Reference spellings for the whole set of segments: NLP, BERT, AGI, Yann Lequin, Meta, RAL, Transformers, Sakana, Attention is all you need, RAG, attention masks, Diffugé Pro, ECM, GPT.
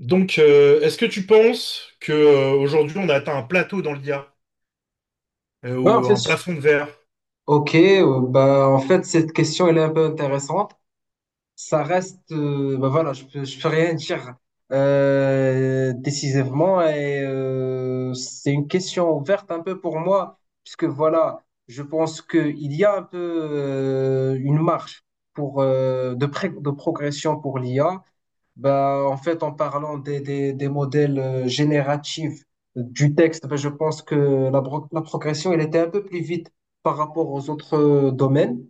Donc, est-ce que tu penses que aujourd'hui on a atteint un plateau dans l'IA Ouais, en ou fait, un je- plafond de verre? ok, bah, en fait, Cette question, elle est un peu intéressante. Ça reste, voilà, je peux rien dire décisivement, et c'est une question ouverte un peu pour moi, puisque voilà, je pense qu'il y a un peu une marche pour, de progression pour l'IA. Bah, en fait, en parlant des modèles génératifs du texte, bah, je pense que la progression, elle était un peu plus vite par rapport aux autres domaines.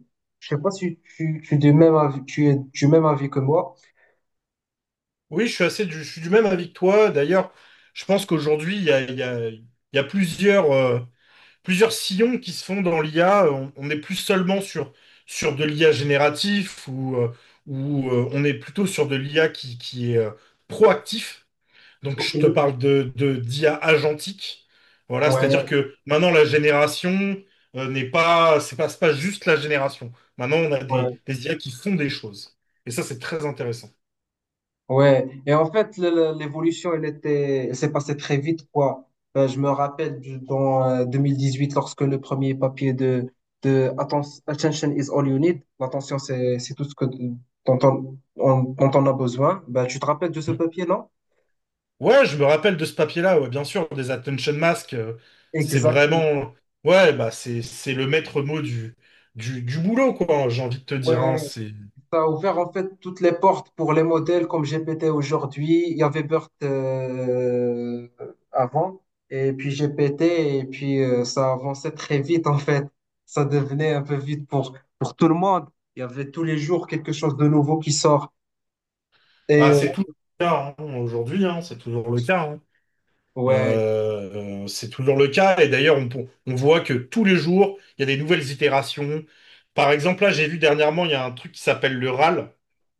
Je sais pas si es du même avis, tu es du même avis que moi. Oui, je suis du même avis que toi. D'ailleurs, je pense qu'aujourd'hui il y a, il y a- il y a plusieurs, plusieurs sillons qui se font dans l'IA. On n'est plus seulement sur de l'IA génératif ou on est plutôt sur de l'IA qui est proactif. Donc Ok. je te parle d'IA agentique. Voilà, c'est-à-dire Ouais, que maintenant la génération n'est pas, c'est pas, c'est pas juste la génération. Maintenant on a ouais. des IA qui font des choses. Et ça, c'est très intéressant. Ouais, et en fait, l'évolution, elle s'est passée très vite, quoi. Je me rappelle dans 2018, lorsque le premier papier de Attention is all you need, l'attention, c'est tout ce que, dont dont on a besoin. Bah, tu te rappelles de ce papier, non? Ouais, je me rappelle de ce papier-là, ouais, bien sûr, des attention masks. C'est Exactement. vraiment, ouais, c'est le maître mot du boulot, quoi. J'ai envie de te dire, hein, Ouais, c'est, ça a ouvert en fait toutes les portes pour les modèles comme GPT aujourd'hui. Il y avait BERT avant, et puis GPT, et puis ça avançait très vite en fait. Ça devenait un peu vite pour tout le monde. Il y avait tous les jours quelque chose de nouveau qui sort. Et euh, c'est tout le cas, hein, aujourd'hui, hein, c'est toujours le cas, hein. ouais, C'est toujours le cas. Et d'ailleurs, on voit que tous les jours, il y a des nouvelles itérations. Par exemple, là, j'ai vu dernièrement, il y a un truc qui s'appelle le RAL,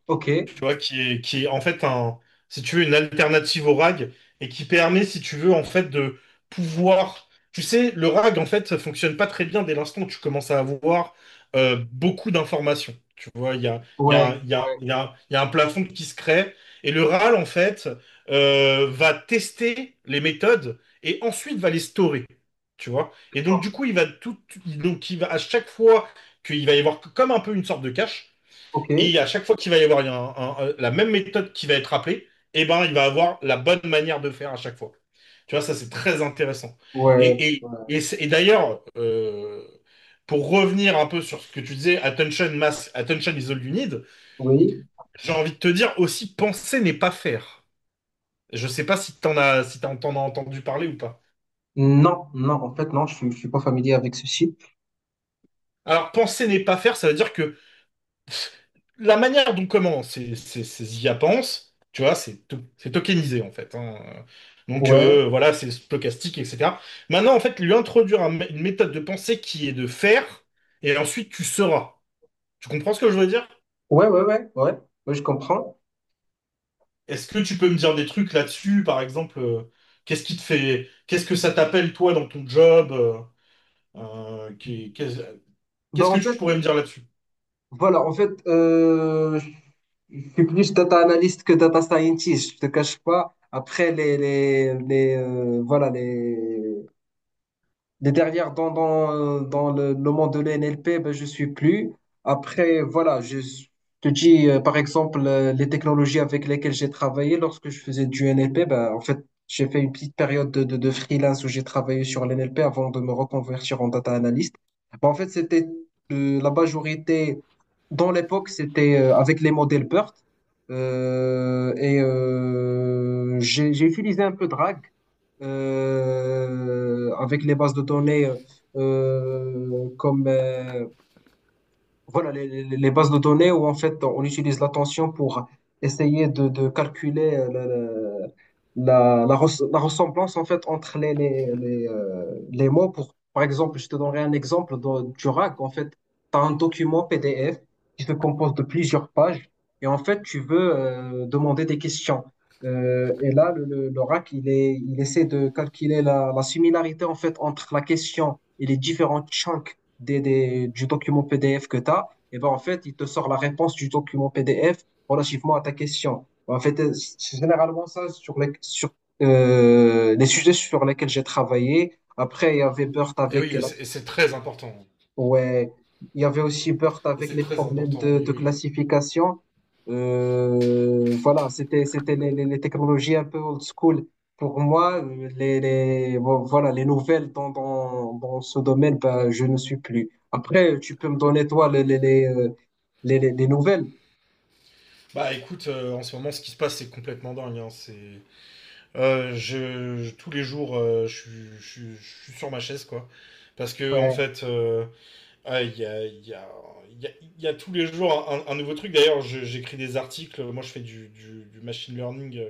ok, tu vois, qui est en fait un, si tu veux, une alternative au rag, et qui permet, si tu veux, en fait, de pouvoir. Tu sais, le rag, en fait, ça fonctionne pas très bien dès l'instant où tu commences à avoir beaucoup d'informations. Tu vois, il y a, il y ouais, a, il y a, ouais, il y a, il y a un plafond qui se crée, et le RAL, en fait, va tester les méthodes et ensuite va les storer. Tu vois? Et donc, d'accord, du coup, il va à chaque fois qu'il va y avoir comme un peu une sorte de cache. ok, ouais, Et à chaque fois qu'il va y avoir la même méthode qui va être appelée, eh ben, il va avoir la bonne manière de faire à chaque fois. Tu vois, ça, c'est très intéressant. ouais, Et d'ailleurs, pour revenir un peu sur ce que tu disais, attention, mass, attention is all you need, oui. j'ai envie de te dire aussi, penser n'est pas faire. Je sais pas si t'en as entendu parler ou pas. Non, non, en fait, non, je suis pas familier avec ceci. Alors, penser n'est pas faire, ça veut dire que la manière dont comment ces IA pensent, tu vois, c'est tokenisé en fait, hein. Donc Ouais, voilà, c'est stochastique, etc. Maintenant, en fait, lui introduire une méthode de pensée qui est de faire, et ensuite tu seras. Tu comprends ce que je veux dire? ouais, ouais, ouais, ouais, ouais, je comprends. Est-ce que tu peux me dire des trucs là-dessus? Par exemple, qu'est-ce qui te fait, qu'est-ce que ça t'appelle toi dans ton job? Euh, qui- qu'est- Ben, Qu'est-ce en que tu fait, pourrais me dire là-dessus? Voilà, en fait, je suis plus data analyst que data scientist, je te cache pas. Après, les dernières dans le monde de l'NLP, ben, je suis plus. Après, voilà, te dis, par exemple, les technologies avec lesquelles j'ai travaillé lorsque je faisais du NLP, ben, en fait, j'ai fait une petite période de freelance où j'ai travaillé sur l'NLP avant de me reconvertir en data analyst. Ben, en fait, c'était euh, la majorité, dans l'époque, c'était avec les modèles BERT. J'ai utilisé un peu de RAG avec les bases de données comme voilà, les bases de données où en fait on utilise l'attention pour essayer de calculer la la ressemblance en fait entre les mots. Pour, par exemple, je te donnerai un exemple du RAG. En fait, tu as un document PDF qui se compose de plusieurs pages, et en fait tu veux demander des questions. Et là, le RAC, il essaie de calculer la similarité en fait entre la question et les différents chunks du document PDF que tu as, et ben en fait, il te sort la réponse du document PDF relativement à ta question. En fait, c'est généralement ça sur les sujets sur lesquels j'ai travaillé. Après, il y avait Burt Et avec oui, et la. c'est, et c'est très important. Ouais, il y avait aussi Burt Et avec c'est les très problèmes important, oui, de oui. classification. C'était les technologies un peu old school. Pour moi, voilà les nouvelles dans ce domaine, ben, je ne suis plus. Après, tu peux me donner toi les nouvelles. Bah écoute, en ce moment, ce qui se passe, c'est complètement dingue, hein. C'est, tous les jours, euh, je suis, je suis sur ma chaise, quoi. Parce que en Ouais, fait, ah, il y a, il y a- il y a- il y a tous les jours un nouveau truc. D'ailleurs, j'écris des articles. Moi, je fais du machine learning,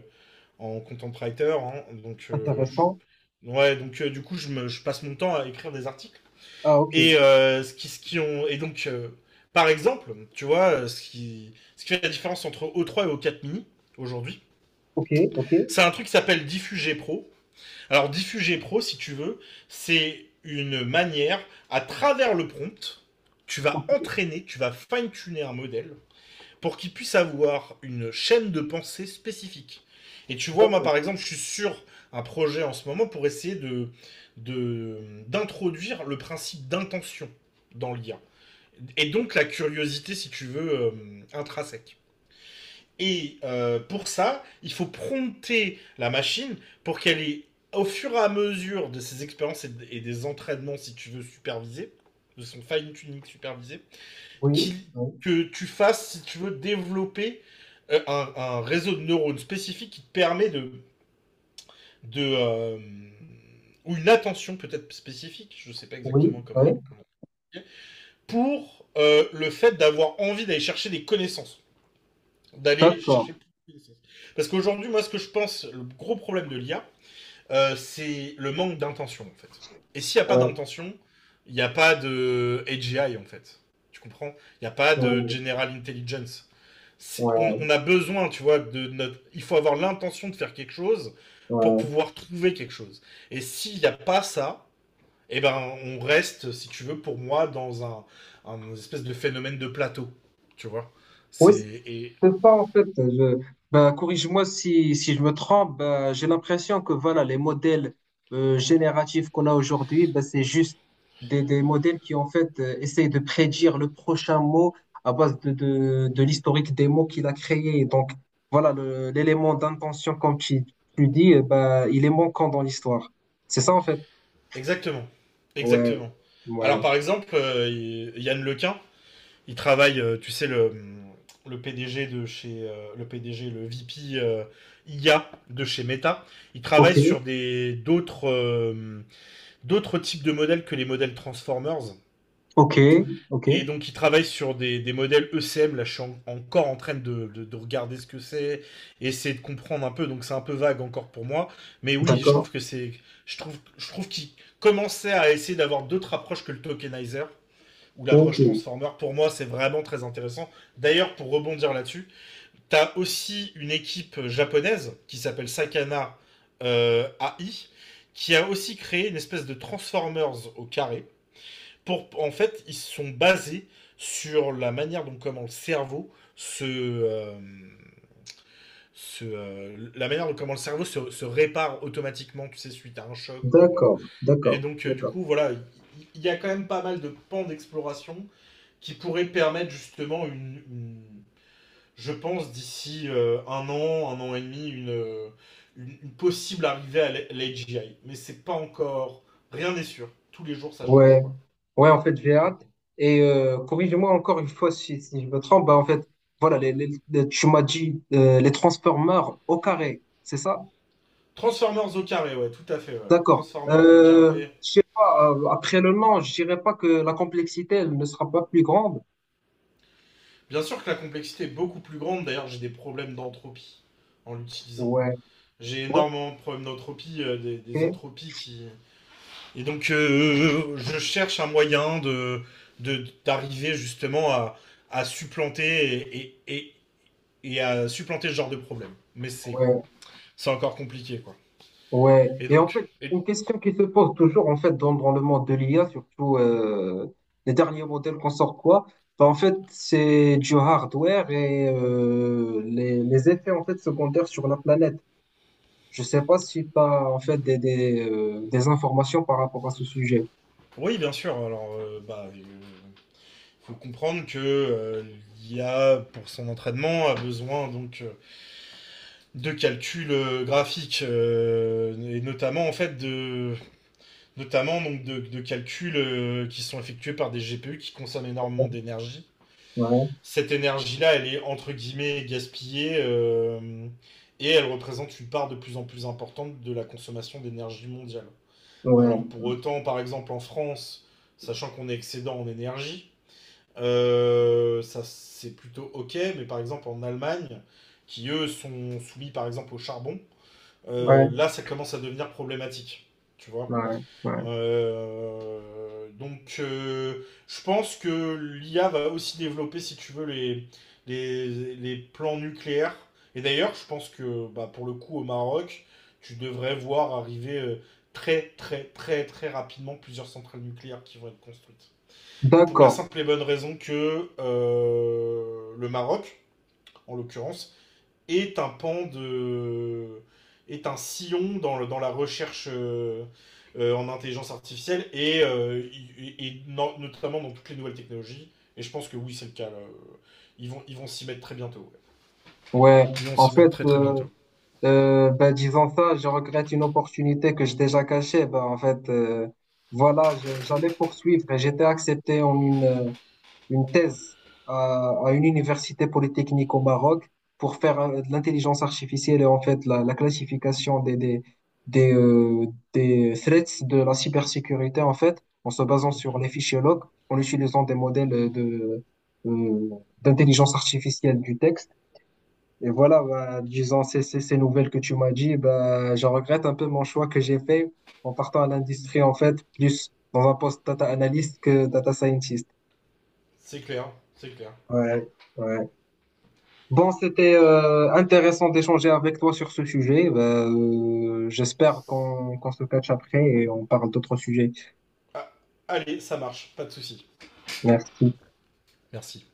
en content writer, hein. donc, euh, intéressant. je- ouais, donc euh, du coup, je passe mon temps à écrire des articles. Ah ok, Et ce qui ont et donc par exemple, tu vois, ce qui fait la différence entre o3 et o4 mini aujourd'hui, ok, ok, c'est un truc qui s'appelle Diffugé Pro. Alors Diffugé Pro, si tu veux, c'est une manière, à travers le prompt, tu vas ok, entraîner, tu vas fine-tuner un modèle pour qu'il puisse avoir une chaîne de pensée spécifique. Et tu vois, moi d'accord. par exemple, je suis sur un projet en ce moment pour essayer de- d'introduire le principe d'intention dans l'IA, et donc la curiosité, si tu veux, intrinsèque. Et pour ça, il faut prompter la machine pour qu'elle ait, au fur et à mesure de ses expériences et des entraînements, si tu veux, supervisés, de son fine-tuning supervisé, Oui, qui, oui, que tu fasses, si tu veux, développer un réseau de neurones spécifique qui te permet de ou une attention peut-être spécifique, je ne sais pas oui, exactement ouais. Comment, pour le fait d'avoir envie d'aller chercher des connaissances, d'aller D'accord. chercher plus de connaissances. Parce qu'aujourd'hui, moi, ce que je pense, le gros problème de l'IA, c'est le manque d'intention, en fait. Et s'il n'y a pas Ouais, d'intention, il n'y a pas de AGI, en fait. Tu comprends? Il n'y a pas de ouais, General Intelligence. Ouais, On a besoin, tu vois, de notre... Il faut avoir l'intention de faire quelque chose pour ouais. pouvoir trouver quelque chose. Et s'il n'y a pas ça, eh ben, on reste, si tu veux, pour moi, dans un espèce de phénomène de plateau. Tu vois. Oui, C'est. et- c'est ça en fait. Ben, corrige-moi si je me trompe. Ben, j'ai l'impression que voilà, les modèles génératifs qu'on a aujourd'hui, ben, c'est juste des modèles qui en fait essayent de prédire le prochain mot à base de l'historique des mots qu'il a créé. Donc voilà, l'élément d'intention, comme tu dis, eh ben, il est manquant dans l'histoire. C'est ça en fait. Exactement. Ouais, Exactement. ouais. Alors, par exemple, Yann Lequin, il travaille, tu sais, le PDG de chez. Le PDG, le VP IA de chez Meta. Il Ok, travaille sur des d'autres d'autres types de modèles que les modèles Transformers. ok, ok. Et donc, ils travaillent sur des modèles ECM. Là, encore en train de regarder ce que c'est, et essayer de comprendre un peu. Donc, c'est un peu vague encore pour moi. Mais oui, je trouve D'accord. que c'est. Je trouve qu'ils commençaient à essayer d'avoir d'autres approches que le tokenizer ou Ok. l'approche transformer. Pour moi, c'est vraiment très intéressant. D'ailleurs, pour rebondir là-dessus, t'as aussi une équipe japonaise qui s'appelle Sakana, AI, qui a aussi créé une espèce de Transformers au carré. Pour, en fait, ils sont basés sur la manière dont comment le cerveau se, la manière dont comment le cerveau se répare automatiquement, tu sais, suite à un choc ou. D'accord, Et d'accord, donc, du d'accord. coup, voilà, a quand même pas mal de pans d'exploration qui pourraient permettre justement je pense, d'ici un an et demi, une possible arrivée à l'AGI. Mais c'est pas encore, rien n'est sûr. Tous les jours, ça change, Ouais. quoi. Ouais, en fait, j'ai hâte. Et corrige-moi encore une fois si je me trompe. Bah, en fait, voilà, tu m'as dit les Transformers au carré, c'est ça? Transformers au carré, ouais, tout à fait, ouais. D'accord. Transformers au carré. Je sais pas, après le nom, je dirais pas que la complexité, elle ne sera pas plus grande. Bien sûr que la complexité est beaucoup plus grande. D'ailleurs, j'ai des problèmes d'entropie en l'utilisant. Ouais, J'ai ouais, énormément de problèmes d'entropie, des ok, entropies qui. Et donc, je cherche un moyen d'arriver justement à supplanter et à supplanter ce genre de problème. Mais ouais. c'est encore compliqué, quoi. Ouais, Et et en donc, fait, et- une question qui se pose toujours, en fait, dans le monde de l'IA, surtout les derniers modèles qu'on sort, quoi, bah, en fait, c'est du hardware et les effets en fait secondaires sur la planète. Je sais pas si tu as en fait des informations par rapport à ce sujet. oui, bien sûr. Alors, faut comprendre que l'IA, pour son entraînement, a besoin donc de calculs graphiques et notamment en fait de notamment donc de calculs qui sont effectués par des GPU qui consomment énormément Ouais, d'énergie. Cette énergie-là, elle est entre guillemets gaspillée, et elle représente une part de plus en plus importante de la consommation d'énergie mondiale. ouais, Alors pour autant, par exemple en France, sachant qu'on est excédent en énergie, ça, c'est plutôt ok, mais par exemple en Allemagne, qui eux sont soumis par exemple au charbon, ouais, là ça commence à devenir problématique. Tu vois. ouais, ouais. Je pense que l'IA va aussi développer, si tu veux, les plans nucléaires. Et d'ailleurs, je pense que, pour le coup au Maroc, tu devrais voir arriver très très très très rapidement plusieurs centrales nucléaires qui vont être construites. Pour la D'accord. simple et bonne raison que le Maroc, en l'occurrence, est un pan de. Est un sillon dans, dans la recherche en intelligence artificielle et, notamment dans toutes les nouvelles technologies. Et je pense que oui, c'est le cas, là. Ils vont s'y mettre très bientôt, ouais. Ouais, Ils vont en s'y fait, mettre très très bientôt. Ben, disons ça, je regrette une opportunité que j'ai déjà cachée. Ben, en fait, voilà, j'allais poursuivre et j'étais accepté en une thèse à une université polytechnique au Maroc pour faire de l'intelligence artificielle et en fait la classification des, euh, des threats de la cybersécurité en fait, en se basant sur Mhm. les fichiers log, en utilisant des modèles euh, d'intelligence artificielle du texte. Et voilà, bah, disons, ces nouvelles que tu m'as dit, bah, je regrette un peu mon choix que j'ai fait en partant à l'industrie, en fait, plus dans un poste data analyst que data scientist. C'est clair, c'est clair. Ouais, ouais. Bon, c'était intéressant d'échanger avec toi sur ce sujet. Bah, j'espère qu'on se catch après et on parle d'autres sujets. Ah, allez, ça marche, pas de souci. Merci. Merci.